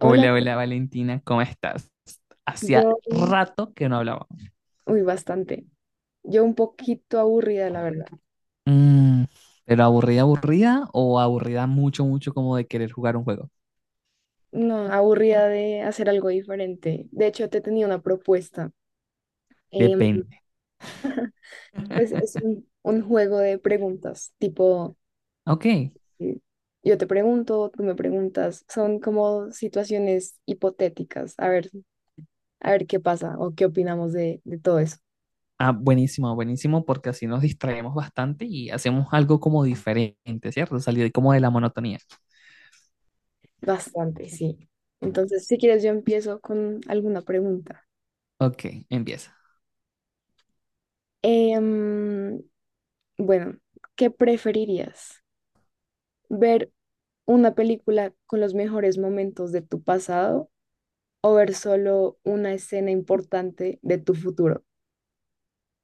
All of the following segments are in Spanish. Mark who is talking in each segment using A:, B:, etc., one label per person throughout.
A: Hola,
B: hola Valentina, ¿cómo estás?
A: yo,
B: Hacía rato que no hablábamos.
A: uy, bastante. Yo un poquito aburrida, la verdad.
B: Mm, ¿Pero aburrida, aburrida o aburrida mucho, mucho como de querer jugar un juego?
A: No, aburrida de hacer algo diferente. De hecho, te tenía una propuesta. Em,
B: Depende.
A: pues es un juego de preguntas, tipo,
B: Ok.
A: eh, yo te pregunto, tú me preguntas. Son como situaciones hipotéticas. A ver qué pasa o qué opinamos de todo eso.
B: Ah, buenísimo, buenísimo, porque así nos distraemos bastante y hacemos algo como diferente, ¿cierto? Salir como de la monotonía.
A: Bastante, sí. Entonces, si quieres, yo empiezo con alguna pregunta.
B: Ok, empieza.
A: Em, bueno, ¿qué preferirías? Ver una película con los mejores momentos de tu pasado o ver solo una escena importante de tu futuro.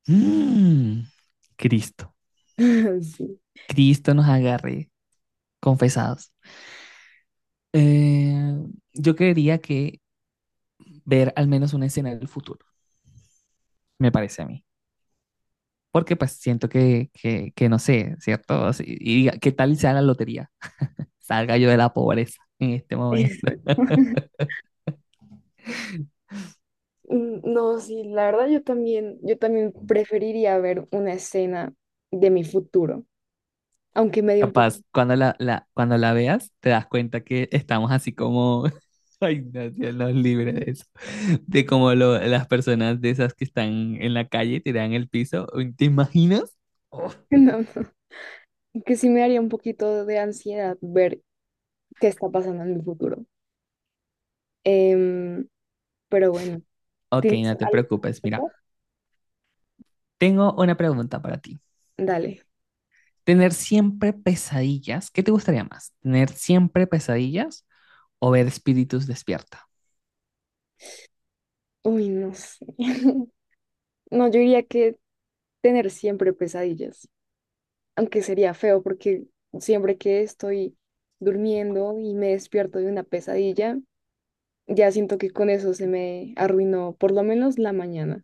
B: Mm, Cristo,
A: Sí.
B: Cristo nos agarre, confesados. Eh, yo quería que ver al menos una escena del futuro, me parece a mí. Porque pues siento que no sé, ¿cierto? Y diga, ¿qué tal sea la lotería? Salga yo de la pobreza en este momento.
A: Exacto. Mm, no, sí, la verdad yo también preferiría ver una escena de mi futuro, aunque me dio un poquito,
B: Capaz, cuando cuando la veas, te das cuenta que estamos así como, ay, no, Dios nos libre de eso, de como las personas de esas que están en la calle, tiradas en el piso. Uy, ¿te imaginas? Oh,
A: no, no, que sí me daría un poquito de ansiedad ver qué está pasando en mi futuro. Em, pero bueno,
B: ok,
A: ¿tienes
B: no te
A: algo
B: preocupes,
A: que
B: mira,
A: comentar?
B: tengo una pregunta para ti.
A: Dale.
B: ¿Tener siempre pesadillas? ¿Qué te gustaría más? ¿Tener siempre pesadillas o ver espíritus despierta?
A: Uy, no sé. No, yo diría que tener siempre pesadillas, aunque sería feo porque siempre que estoy durmiendo y me despierto de una pesadilla, ya siento que con eso se me arruinó por lo menos la mañana.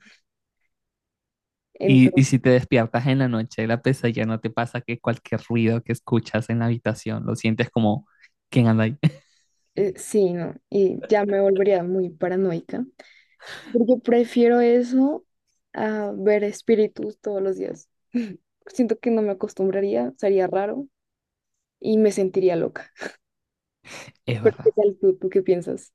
B: Y
A: Entonces,
B: si te despiertas en la noche de la pesadilla, ¿no te pasa que cualquier ruido que escuchas en la habitación lo sientes como quién anda ahí?
A: sí, no, y ya me volvería muy paranoica, porque prefiero eso a ver espíritus todos los días. Siento que no me acostumbraría, sería raro y me sentiría loca.
B: Es
A: Pero ¿qué
B: verdad,
A: tal tú? ¿Tú qué piensas?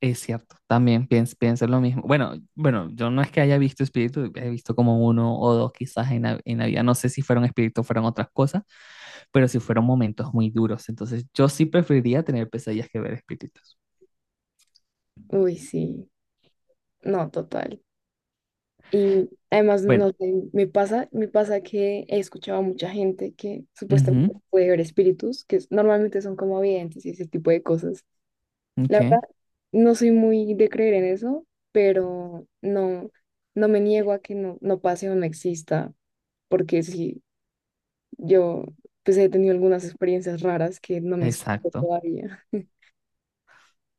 B: es cierto. También pienso, pienso lo mismo. Bueno, bueno, yo no es que haya visto espíritus, he visto como uno o dos quizás en en la vida. No sé si fueron espíritus, o fueron otras cosas, pero sí fueron momentos muy duros. Entonces, yo sí preferiría tener pesadillas que ver espíritus.
A: Uy, sí. No, total. Y además, no
B: Bueno,
A: sé, me pasa que he escuchado a mucha gente que supuestamente
B: ujú,
A: puede ver espíritus, que es- normalmente son como videntes y ese tipo de cosas. La
B: ok,
A: verdad, no soy muy de creer en eso, pero no, no me niego a que no, no pase o no exista, porque sí, yo pues he tenido algunas experiencias raras que no me explico
B: exacto.
A: todavía.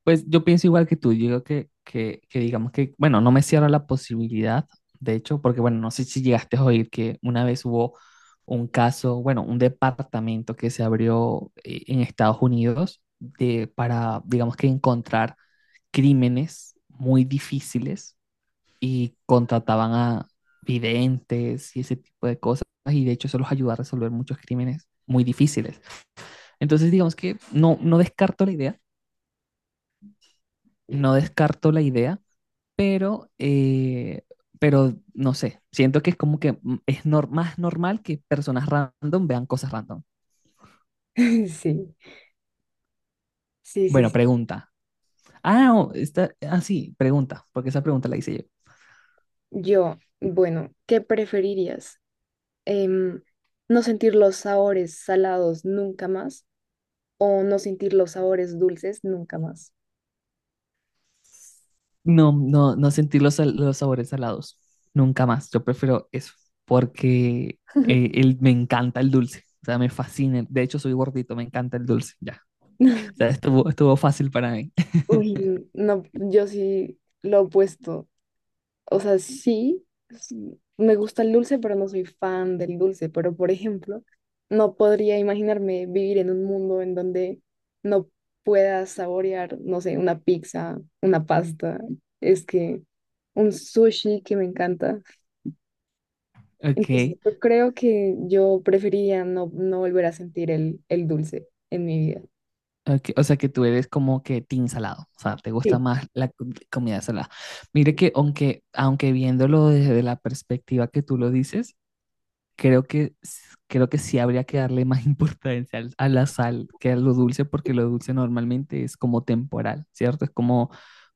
B: Pues yo pienso igual que tú, yo digo que digamos que, bueno, no me cierra la posibilidad, de hecho, porque bueno, no sé si llegaste a oír que una vez hubo un caso, bueno, un departamento que se abrió en Estados Unidos de, para, digamos que encontrar crímenes muy difíciles y contrataban a videntes y ese tipo de cosas, y de hecho eso los ayudó a resolver muchos crímenes muy difíciles. Entonces, digamos que no, no descarto la idea, no descarto la idea pero, eh, pero no sé, siento que es como que es más normal que personas random vean cosas random.
A: Sí, sí, sí,
B: Bueno,
A: sí.
B: pregunta. Ah, no, está, ah, sí, pregunta, porque esa pregunta la hice yo.
A: Yo, bueno, ¿qué preferirías? em, no sentir los sabores salados nunca más o no sentir los sabores dulces nunca más.
B: No, no, no sentir los sabores salados, nunca más. Yo prefiero eso, porque me encanta el dulce, o sea, me fascina. De hecho, soy gordito, me encanta el dulce, ya. O sea, estuvo fácil para mí.
A: Uy, no, yo sí lo opuesto. O sea, sí, sí, me gusta el dulce, pero no soy fan del dulce. Pero, por ejemplo, no podría imaginarme vivir en un mundo en donde no pueda saborear, no sé, una pizza, una pasta, es que un sushi que me encanta. Entonces,
B: Ok.
A: yo creo que yo preferiría no, no volver a sentir el dulce en mi vida.
B: Ok, o sea que tú eres como que team salado, o sea, te gusta
A: Sí,
B: más la comida salada. Mire que aunque viéndolo desde la perspectiva que tú lo dices, creo que, creo que sí habría que darle más importancia a la sal que a lo dulce, porque lo dulce normalmente es como temporal, ¿cierto? Es como,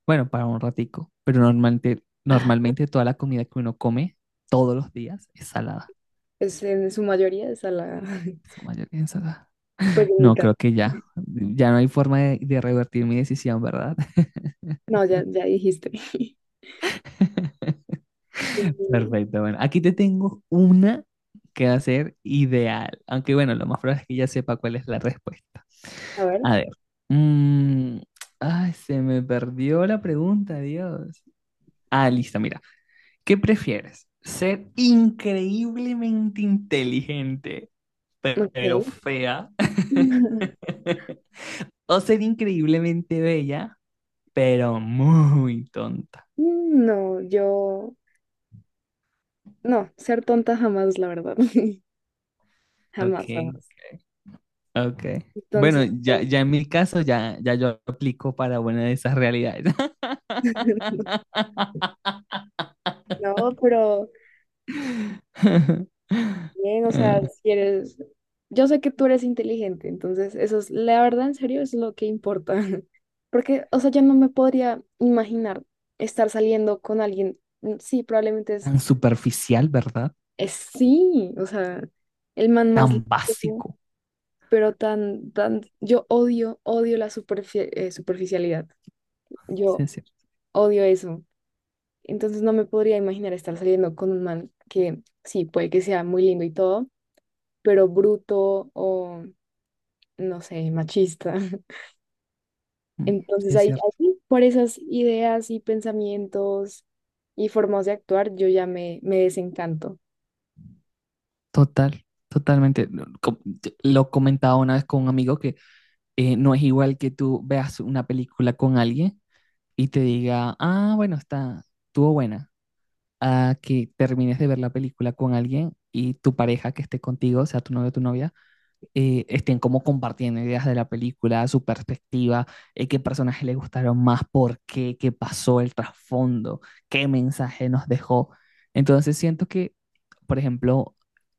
B: bueno, para un ratico, pero normalmente,
A: ajá.
B: normalmente toda la comida que uno come todos los días es salada,
A: Es en su mayoría es a la...
B: su mayoría es salada.
A: Pues en mi
B: No,
A: caso.
B: creo que ya, ya no hay forma de revertir mi decisión, ¿verdad?
A: No, ya, ya dijiste. Mm,
B: Perfecto, bueno, aquí te tengo una que va a ser ideal, aunque bueno, lo más probable es que ya sepa cuál es la respuesta.
A: a ver.
B: A ver, mm, ay, se me perdió la pregunta, Dios. Ah, listo, mira, ¿qué prefieres? ¿Ser increíblemente inteligente,
A: Ok.
B: pero fea? ¿O ser increíblemente bella, pero muy tonta?
A: No, yo... No, ser tonta jamás, la verdad.
B: Ok.
A: Jamás, jamás.
B: Ok. Bueno,
A: Entonces,
B: ya, ya en mi caso, ya, ya yo aplico para buena de esas realidades.
A: no, pero bien, o sea,
B: Ah,
A: si eres, yo sé que tú eres inteligente, entonces eso es, la verdad, en serio, es lo que importa. Porque, o sea, yo no me podría imaginar estar saliendo con alguien, mm, sí, probablemente
B: tan superficial, ¿verdad?
A: es sí, o sea, el man más
B: Tan
A: lindo,
B: básico.
A: pero tan, tan, yo odio, odio la superfi- superficialidad,
B: Sí,
A: yo
B: es cierto.
A: odio eso. Entonces no me podría imaginar estar saliendo con un man que sí, puede que sea muy lindo y todo, pero bruto o no sé, machista.
B: Mm, sí,
A: Entonces
B: es
A: ahí,
B: cierto.
A: ahí, por esas ideas y pensamientos y formas de actuar, yo ya me desencanto
B: Total, totalmente. No, lo comentaba una vez con un amigo que no es igual que tú veas una película con alguien y te diga, ah, bueno, está, estuvo buena. A que termines de ver la película con alguien y tu pareja que esté contigo, sea tu novio o tu novia, estén como compartiendo ideas de la película, su perspectiva, qué personajes le gustaron más, por qué, qué pasó, el trasfondo, qué mensaje nos dejó. Entonces siento que, por ejemplo,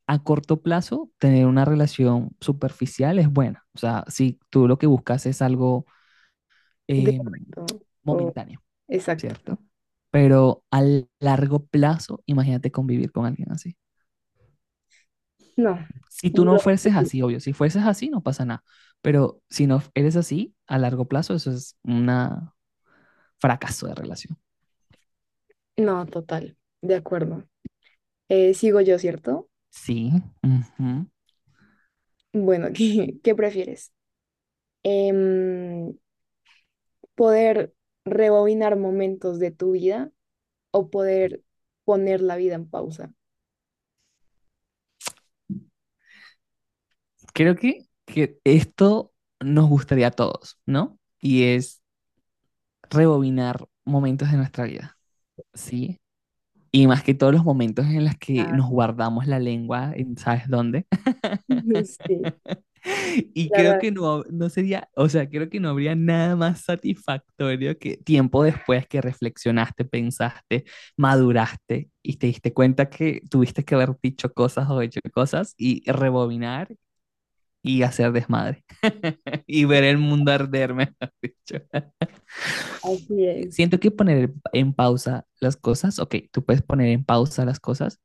B: a corto plazo, tener una relación superficial es buena. O sea, si tú lo que buscas es algo
A: de
B: eh,
A: momento. O,
B: momentáneo,
A: exacto.
B: ¿cierto? Pero a largo plazo, imagínate convivir con alguien así.
A: No,
B: Si tú
A: yo
B: no
A: lo veo
B: fuerces
A: así.
B: así, obvio, si fuerces así no pasa nada, pero si no eres así, a largo plazo eso es un fracaso de relación.
A: No, total, de acuerdo. Sigo yo, ¿cierto?
B: Sí. Ujú.
A: Bueno, ¿qué, qué prefieres? Em, ¿Poder rebobinar momentos de tu vida o poder poner la vida en pausa?
B: Creo que esto nos gustaría a todos, ¿no? Y es rebobinar momentos de nuestra vida, ¿sí? Y más que todos los momentos en los que
A: Claro.
B: nos guardamos la lengua, en ¿sabes dónde?
A: Sí,
B: Y
A: la
B: creo
A: verdad,
B: que no, no sería, o sea, creo que no habría nada más satisfactorio que tiempo después que reflexionaste, pensaste, maduraste y te diste cuenta que tuviste que haber dicho cosas o hecho cosas y rebobinar y hacer desmadre y ver el mundo arder, mejor dicho.
A: así es.
B: Siento que poner en pausa las cosas, ok, tú puedes poner en pausa las cosas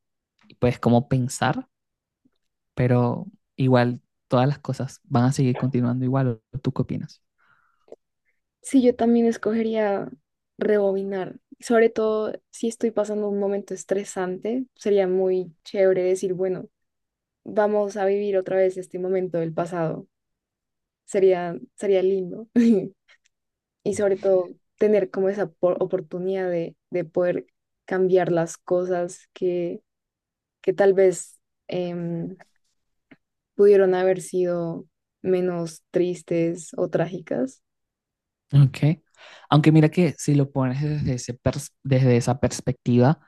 B: y puedes como pensar, pero igual todas las cosas van a seguir continuando igual. ¿Tú qué opinas?
A: Sí, yo también escogería rebobinar, sobre todo si estoy pasando un momento estresante, sería muy chévere decir, bueno, vamos a vivir otra vez este momento del pasado. Sería, sería lindo. Y sobre todo tener como esa por- oportunidad de poder cambiar las cosas que tal vez em, pudieron haber sido menos tristes o trágicas.
B: Ok. Aunque mira que si lo pones desde ese desde esa perspectiva,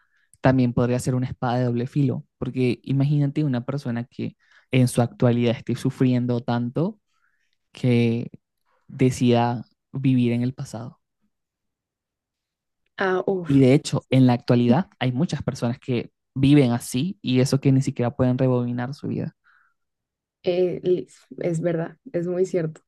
B: también podría ser una espada de doble filo, porque imagínate una persona que en su actualidad esté sufriendo tanto que decida vivir en el pasado.
A: Ah,
B: Y
A: uff,
B: de hecho, en la actualidad hay muchas personas que viven así y eso que ni siquiera pueden rebobinar su vida.
A: es verdad, es muy cierto.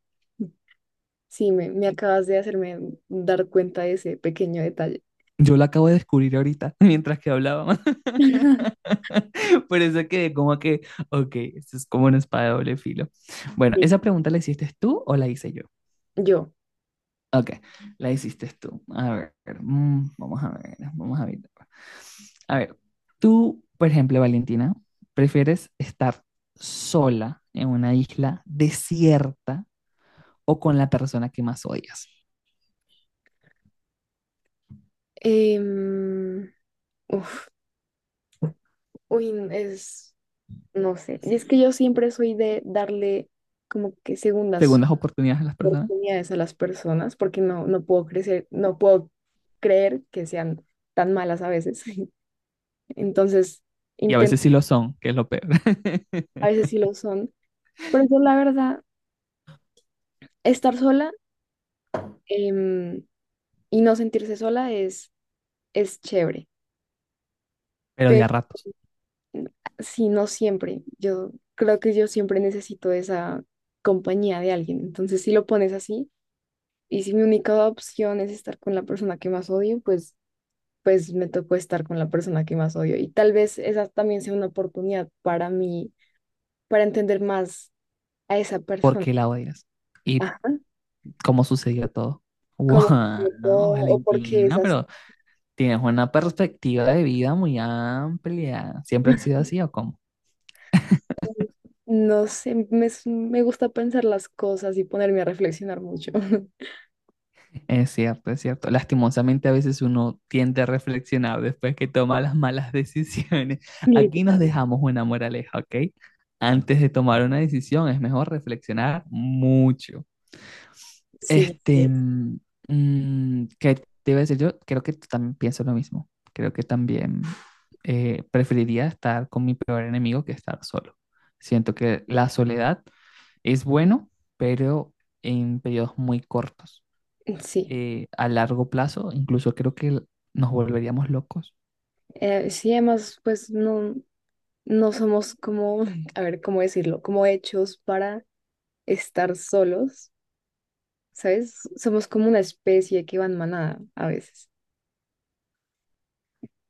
A: Sí, me acabas de hacerme dar cuenta de ese pequeño detalle.
B: Yo lo acabo de descubrir ahorita mientras que hablaba. Por eso quedé como que, ok, esto es como una espada de doble filo. Bueno,
A: Sí.
B: ¿esa pregunta la hiciste tú o la hice yo?
A: Yo,
B: Ok, la hiciste tú. A ver, vamos a ver, vamos a ver. A ver, tú, por ejemplo, Valentina, ¿prefieres estar sola en una isla desierta o con la persona que más odias?
A: em, uf, uy, n- es, no sé, es que yo siempre soy de darle como que segundas
B: Segundas oportunidades a las personas.
A: oportunidades a las personas porque no, no puedo crecer, no puedo creer que sean tan malas a veces. Entonces,
B: Y a
A: intento,
B: veces sí lo son, que es lo peor.
A: a veces sí lo son, pero yo la verdad, estar sola, em, y no sentirse sola es chévere,
B: Pero de
A: pero
B: a ratos,
A: si no siempre, yo creo que yo siempre necesito esa compañía de alguien. Entonces, si lo pones así y si mi única opción es estar con la persona que más odio, pues pues me tocó estar con la persona que más odio. Y tal vez esa también sea una oportunidad para mí, para entender más a esa persona.
B: porque la odias. Y
A: Ajá.
B: cómo sucedió todo.
A: Como
B: Wow,
A: o porque
B: Valentina,
A: esas,
B: pero tienes una perspectiva de vida muy amplia. ¿Siempre ha sido así o cómo?
A: no sé, s- me gusta pensar las cosas y ponerme a reflexionar mucho.
B: Es cierto, es cierto. Lastimosamente a veces uno tiende a reflexionar después que toma las malas decisiones. Aquí nos
A: Literal.
B: dejamos una moraleja, ¿ok? Antes de tomar una decisión es mejor reflexionar mucho.
A: Sí,
B: Este,
A: sí.
B: mm, ¿Qué te iba a decir yo? Creo que también pienso lo mismo. Creo que también preferiría estar con mi peor enemigo que estar solo. Siento que la soledad es bueno, pero en periodos muy cortos.
A: Sí,
B: A largo plazo, incluso creo que nos volveríamos locos.
A: eh, sí, además, pues no, no somos como, a ver, ¿cómo decirlo? Como hechos para estar solos. ¿Sabes? Somos como una especie que va en manada a veces.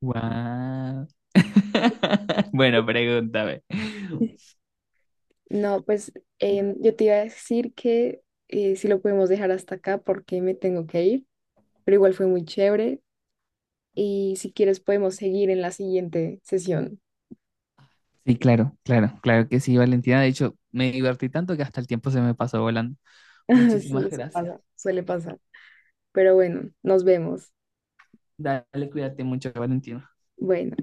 B: Guau. Bueno, pregúntame.
A: No, pues yo te iba a decir que si lo podemos dejar hasta acá porque me tengo que ir, pero igual fue muy chévere y si quieres podemos seguir en la siguiente sesión.
B: Sí, claro, claro, claro que sí, Valentina. De hecho, me divertí tanto que hasta el tiempo se me pasó volando.
A: Sí,
B: Muchísimas
A: eso
B: gracias.
A: pasa, suele pasar. Pero bueno, nos vemos.
B: Dale, cuídate mucho, Valentina.
A: Bueno.